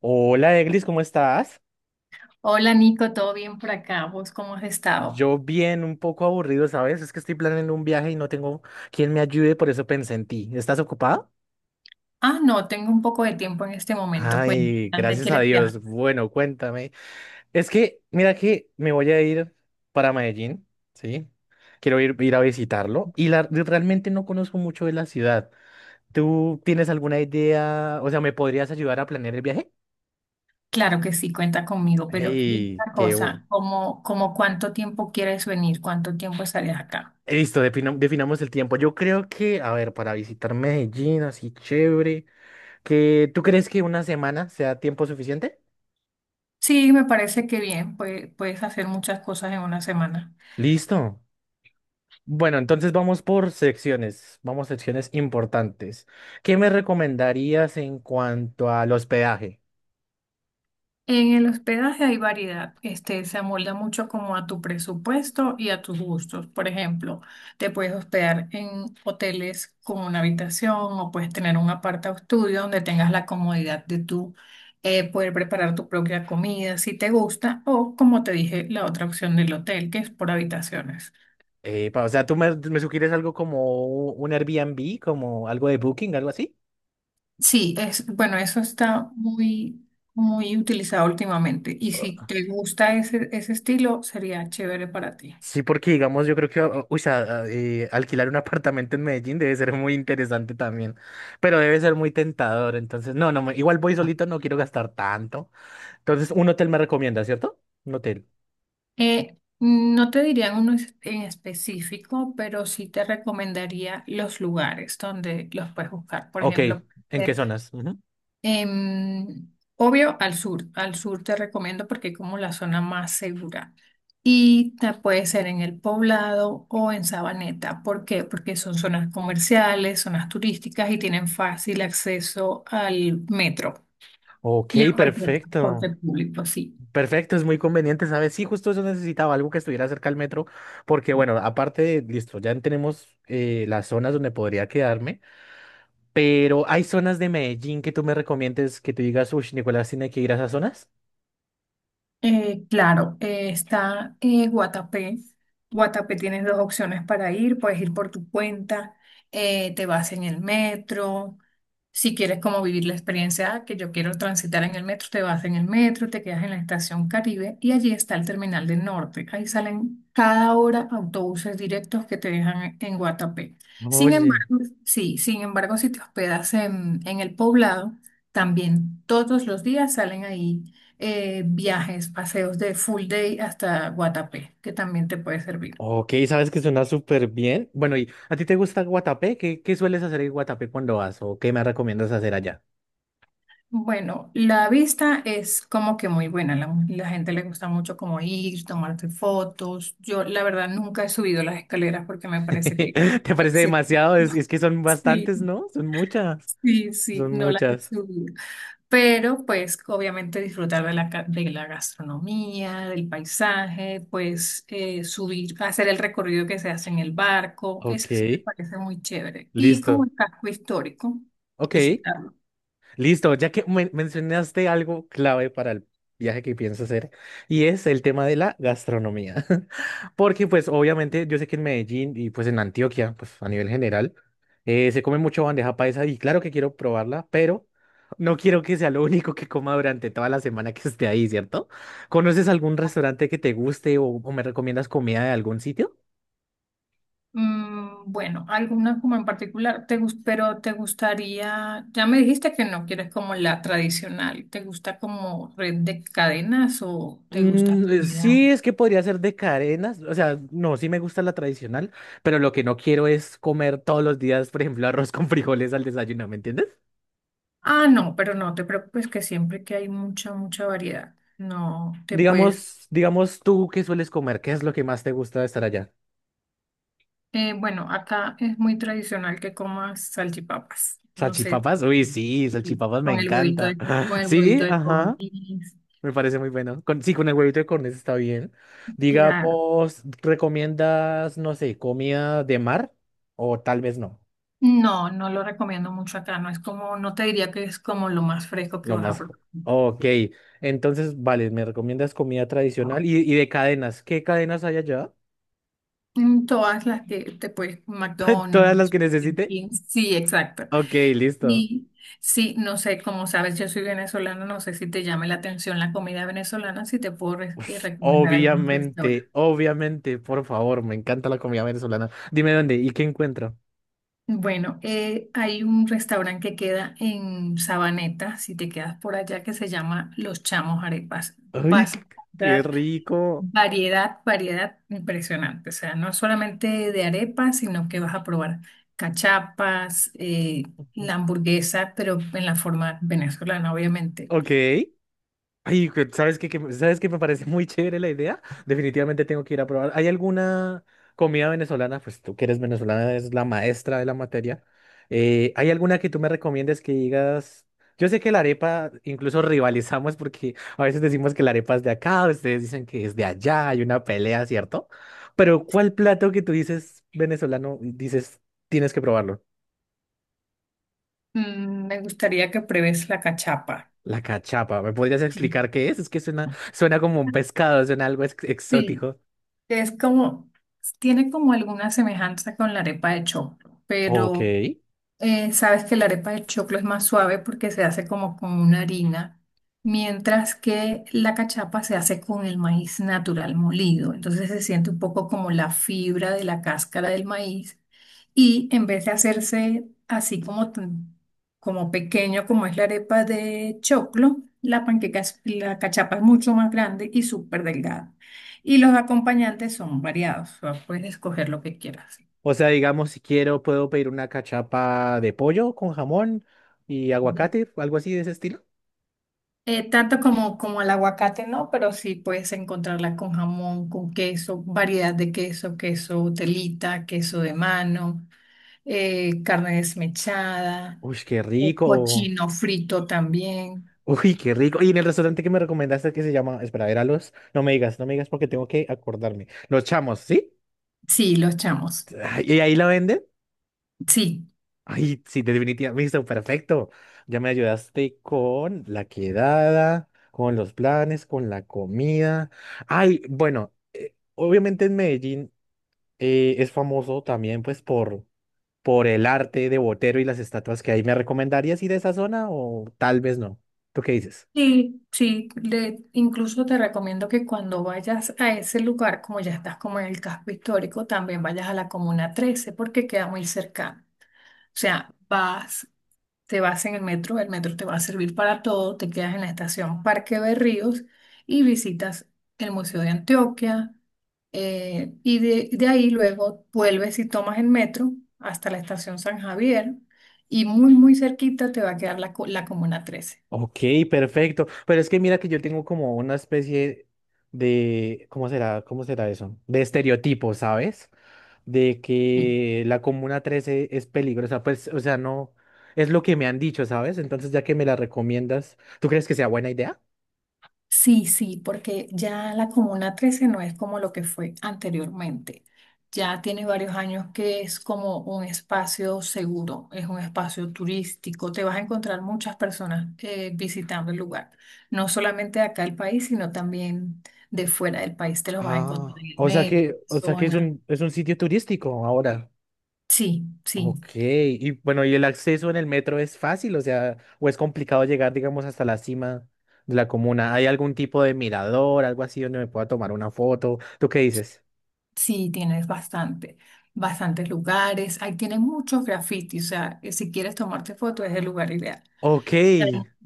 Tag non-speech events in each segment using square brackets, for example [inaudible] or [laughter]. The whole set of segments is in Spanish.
Hola, Eglis, ¿cómo estás? Hola Nico, ¿todo bien por acá? ¿Vos cómo has estado? Yo bien, un poco aburrido, ¿sabes? Es que estoy planeando un viaje y no tengo quien me ayude, por eso pensé en ti. ¿Estás ocupada? Ah, no, tengo un poco de tiempo en este momento. Cuéntame, Ay, ¿dónde gracias a quieres viajar? Dios. Bueno, cuéntame. Es que, mira que me voy a ir para Medellín, ¿sí? Quiero ir a visitarlo realmente no conozco mucho de la ciudad. ¿Tú tienes alguna idea? O sea, ¿me podrías ayudar a planear el viaje? Claro que sí, cuenta conmigo, pero dime ¡Hey! una cosa, ¿cómo cuánto tiempo quieres venir? ¿Cuánto tiempo estarías acá? Listo, definamos el tiempo. Yo creo que, a ver, para visitar Medellín, así chévere, que ¿tú crees que una semana sea tiempo suficiente? Sí, me parece que bien, pues, puedes hacer muchas cosas en una semana. Listo. Bueno, entonces vamos por secciones, vamos secciones importantes. ¿Qué me recomendarías en cuanto al hospedaje? En el hospedaje hay variedad, este se amolda mucho como a tu presupuesto y a tus gustos. Por ejemplo, te puedes hospedar en hoteles con una habitación o puedes tener un aparta estudio donde tengas la comodidad de tú poder preparar tu propia comida si te gusta o como te dije, la otra opción del hotel que es por habitaciones. O sea, ¿tú me sugieres algo como un Airbnb, como algo de Booking, algo así? Sí, es bueno, eso está muy utilizado últimamente y si te gusta ese estilo sería chévere para ti. Sí, porque digamos, yo creo que alquilar un [laughs] apartamento en Medellín debe ser muy interesante también, pero debe ser muy tentador. Entonces, no, no, igual voy solito, no quiero gastar tanto. Entonces, un hotel me recomienda, ¿cierto? Un hotel. No te diría uno en específico, pero sí te recomendaría los lugares donde los puedes buscar. Por Ok, ejemplo, ¿en qué ver, zonas? Ujú. em, obvio al sur. Al sur te recomiendo porque es como la zona más segura. Y puede ser en El Poblado o en Sabaneta. ¿Por qué? Porque son zonas comerciales, zonas turísticas y tienen fácil acceso al metro Ok, y a cualquier transporte perfecto. público, sí. Perfecto, es muy conveniente, ¿sabes? Sí, justo eso necesitaba, algo que estuviera cerca al metro, porque bueno, aparte, listo, ya tenemos las zonas donde podría quedarme. Pero hay zonas de Medellín que tú me recomiendes que tú digas, uy, Nicolás tiene que ir a esas zonas. Claro, está Guatapé. Guatapé tienes dos opciones para ir. Puedes ir por tu cuenta, te vas en el metro. Si quieres como vivir la experiencia que yo quiero transitar en el metro, te vas en el metro, te quedas en la estación Caribe y allí está el terminal del norte. Ahí salen cada hora autobuses directos que te dejan en Guatapé. Sin Oye, embargo, sí, sin embargo, si te hospedas en el poblado, también todos los días salen ahí viajes, paseos de full day hasta Guatapé, que también te puede servir. ok, sabes que suena súper bien. Bueno, ¿y a ti te gusta Guatapé? ¿Qué sueles hacer en Guatapé cuando vas? ¿O qué me recomiendas hacer allá? Bueno, la vista es como que muy buena, la gente le gusta mucho como ir, tomarte fotos. Yo la verdad nunca he subido las escaleras porque me [laughs] parece que... ¿Te parece [laughs] demasiado? Es que son Sí, bastantes, ¿no? Son muchas. sí, sí, sí, Son no las he muchas. subido. Pero pues obviamente disfrutar de la, de la gastronomía, del paisaje, pues subir, hacer el recorrido que se hace en el barco, eso Ok, sí me parece muy chévere. Y como listo. el casco histórico, Ok. visitarlo. Listo, ya que mencionaste algo clave para el viaje que pienso hacer, y es el tema de la gastronomía. [laughs] Porque pues obviamente yo sé que en Medellín y pues en Antioquia, pues a nivel general, se come mucho bandeja paisa y claro que quiero probarla, pero no quiero que sea lo único que coma durante toda la semana que esté ahí, ¿cierto? ¿Conoces algún restaurante que te guste o me recomiendas comida de algún sitio? Mm, bueno, alguna como en particular, te, pero te gustaría, ya me dijiste que no quieres como la tradicional, ¿te gusta como red de cadenas o te gusta comida? Sí, es que podría ser de cadenas, o sea, no, sí me gusta la tradicional, pero lo que no quiero es comer todos los días, por ejemplo, arroz con [laughs] frijoles al desayuno, ¿me entiendes? Ah, no, pero no te preocupes que siempre que hay mucha variedad, no te puedes... Digamos tú, ¿qué sueles comer? ¿Qué es lo que más te gusta de estar allá? Bueno, acá es muy tradicional que comas salchipapas, no sé, ¿Salchipapas? Uy, sí, sí, salchipapas me encanta. Con [laughs] el Sí, huevito de ajá, codorniz. me parece muy bueno. Con, sí, con el huevito de corneta está bien. Claro. Digamos, ¿recomiendas, no sé, comida de mar? O tal vez no. No, no lo recomiendo mucho acá, no es como, no te diría que es como lo más fresco que Lo vas a más. jo- probar. Ok, entonces, vale, me recomiendas comida tradicional y de cadenas. ¿Qué cadenas hay allá? En todas las que te puedes, [laughs] ¿Todas las McDonald's, que Burger necesite? King, sí, exacto. Ok, listo. Sí, sí, no sé, como sabes, yo soy venezolana, no sé si te llame la atención la comida venezolana, si te puedo Ush, recomendar algunos restaurantes. obviamente, obviamente, por favor, me encanta la comida venezolana. Dime dónde y qué encuentro. Bueno, hay un restaurante que queda en Sabaneta, si te quedas por allá, que se llama Los Chamos Arepas. ¡Ay, Vas a qué encontrar rico! Variedad impresionante, o sea, no solamente de arepas, sino que vas a probar cachapas, Ujú. la hamburguesa, pero en la forma venezolana, obviamente. Ok. Ay, ¿sabes qué me parece muy chévere la idea? Definitivamente tengo que ir a probar. ¿Hay alguna comida venezolana? Pues tú que eres venezolana, eres la maestra de la materia. ¿Hay alguna que tú me recomiendes que digas? Yo sé que la arepa, incluso rivalizamos porque a veces decimos que la arepa es de acá, ustedes dicen que es de allá, hay una pelea, ¿cierto? Pero ¿cuál plato que tú dices venezolano, dices, tienes que probarlo? Mm, me gustaría que pruebes la cachapa. La cachapa, ¿me podrías Sí. explicar qué es? Es que suena, suena como un pescado, suena algo Sí, exótico. es como, tiene como alguna semejanza con la arepa de choclo, Ok. pero sabes que la arepa de choclo es más suave porque se hace como con una harina, mientras que la cachapa se hace con el maíz natural molido. Entonces se siente un poco como la fibra de la cáscara del maíz y en vez de hacerse así como, como pequeño como es la arepa de choclo, la panqueca, la cachapa es mucho más grande y súper delgada. Y los acompañantes son variados, o sea, puedes escoger lo que quieras. O sea, digamos, si quiero, puedo pedir una cachapa de pollo con jamón y aguacate, algo así de ese estilo. Como el aguacate, no, pero sí puedes encontrarla con jamón, con queso, variedad de queso, queso telita, queso de mano, carne desmechada, Uy, qué rico. cochino frito también. Uy, qué rico. Y en el restaurante que me recomendaste que se llama, espera, era los, no me digas, no me digas porque tengo que acordarme. Los Chamos, ¿sí? Sí, los chamos. Ay, ¿y ahí la venden? Sí, Ay, sí, definitivamente, listo, perfecto. Ya me ayudaste con la quedada, con los planes, con la comida. Ay, bueno, obviamente en Medellín, es famoso también pues por el arte de Botero y las estatuas que hay. ¿Me recomendarías ir a esa zona o tal vez no? ¿Tú qué dices? sí, sí. Le, incluso te recomiendo que cuando vayas a ese lugar, como ya estás como en el casco histórico, también vayas a la Comuna 13 porque queda muy cercano. O sea, vas. Te vas en el metro te va a servir para todo, te quedas en la estación Parque de Ríos y visitas el Museo de Antioquia de ahí luego vuelves y tomas el metro hasta la estación San Javier y muy cerquita te va a quedar la, la Comuna trece. Ok, perfecto. Pero es que mira que yo tengo como una especie de, ¿cómo será? ¿Cómo será eso? De estereotipo, ¿sabes? De que la Comuna 13 es peligrosa. Pues, o sea, no, es lo que me han dicho, ¿sabes? Entonces, ya que me la recomiendas, ¿tú crees que sea buena idea? Sí, sí, porque ya la Comuna 13 no es como lo que fue anteriormente. Ya tiene varios años que es como un espacio seguro, es un espacio turístico. Te vas a encontrar muchas personas visitando el lugar, no solamente de acá del país, sino también de fuera del país. Te los vas a encontrar Ah, en el o sea metro, que, en la o sea que zona. Es un, sitio turístico ahora. Sí, sí, Ok, y bueno, ¿y el acceso en el metro es fácil? O sea, ¿o es complicado llegar, digamos, hasta la cima de la comuna? ¿Hay algún tipo de mirador, algo así donde me pueda tomar una foto? ¿Tú qué dices? sí, tienes bastantes lugares. Ahí tienen muchos grafitis, o sea, si quieres tomarte fotos es el lugar ideal. Ok,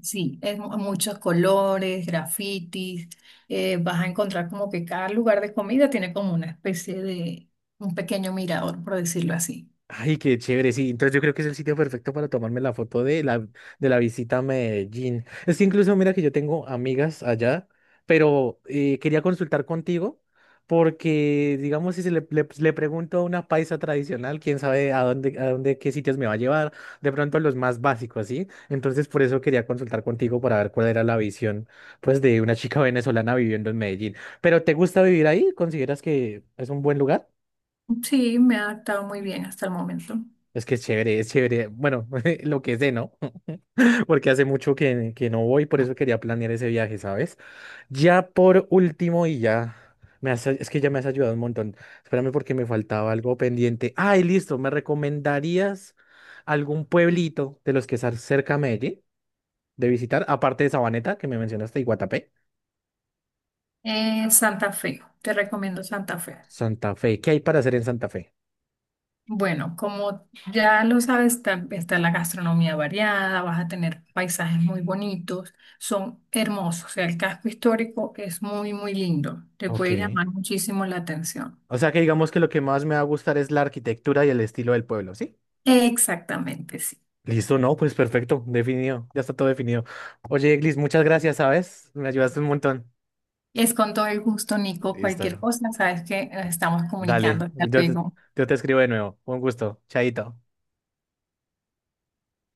Sí, es muchos colores, grafitis, vas a encontrar como que cada lugar de comida tiene como una especie de un pequeño mirador, por decirlo así. ay, qué chévere, sí. Entonces yo creo que es el sitio perfecto para tomarme la foto de la visita a Medellín. Es que incluso mira que yo tengo amigas allá, pero quería consultar contigo porque, digamos, si le pregunto a una paisa tradicional, quién sabe a dónde, qué sitios me va a llevar, de pronto los más básicos, ¿sí? Entonces por eso quería consultar contigo para ver cuál era la visión, pues, de una chica venezolana viviendo en Medellín. ¿Pero te gusta vivir ahí? ¿Consideras que es un buen lugar? Sí, me ha adaptado muy bien hasta el momento. Es que es chévere, es chévere. Bueno, [laughs] lo que sé, ¿no? [laughs] Porque hace mucho que no voy, por eso quería planear ese viaje, ¿sabes? Ya por último y ya. Es que ya me has ayudado un montón. Espérame porque me faltaba algo pendiente. Ay, listo. ¿Me recomendarías algún pueblito de los que están cerca a Medellín de visitar? Aparte de Sabaneta, que me mencionaste, y Guatapé. Santa Fe, te recomiendo Santa Fe. Santa Fe. ¿Qué hay para hacer en Santa Fe? Bueno, como ya lo sabes, está la gastronomía variada, vas a tener paisajes muy bonitos, son hermosos, o sea, el casco histórico es muy lindo, te Ok. puede llamar muchísimo la atención. O sea que digamos que lo que más me va a gustar es la arquitectura y el estilo del pueblo, ¿sí? Exactamente, sí. Listo, no, pues perfecto, definido, ya está todo definido. Oye, Eglis, muchas gracias, ¿sabes? Me ayudaste un montón. Es con todo el gusto, Nico. Cualquier Listo. cosa, sabes que estamos Dale, comunicando. Hasta luego. yo te escribo de nuevo. Un gusto. Chaito.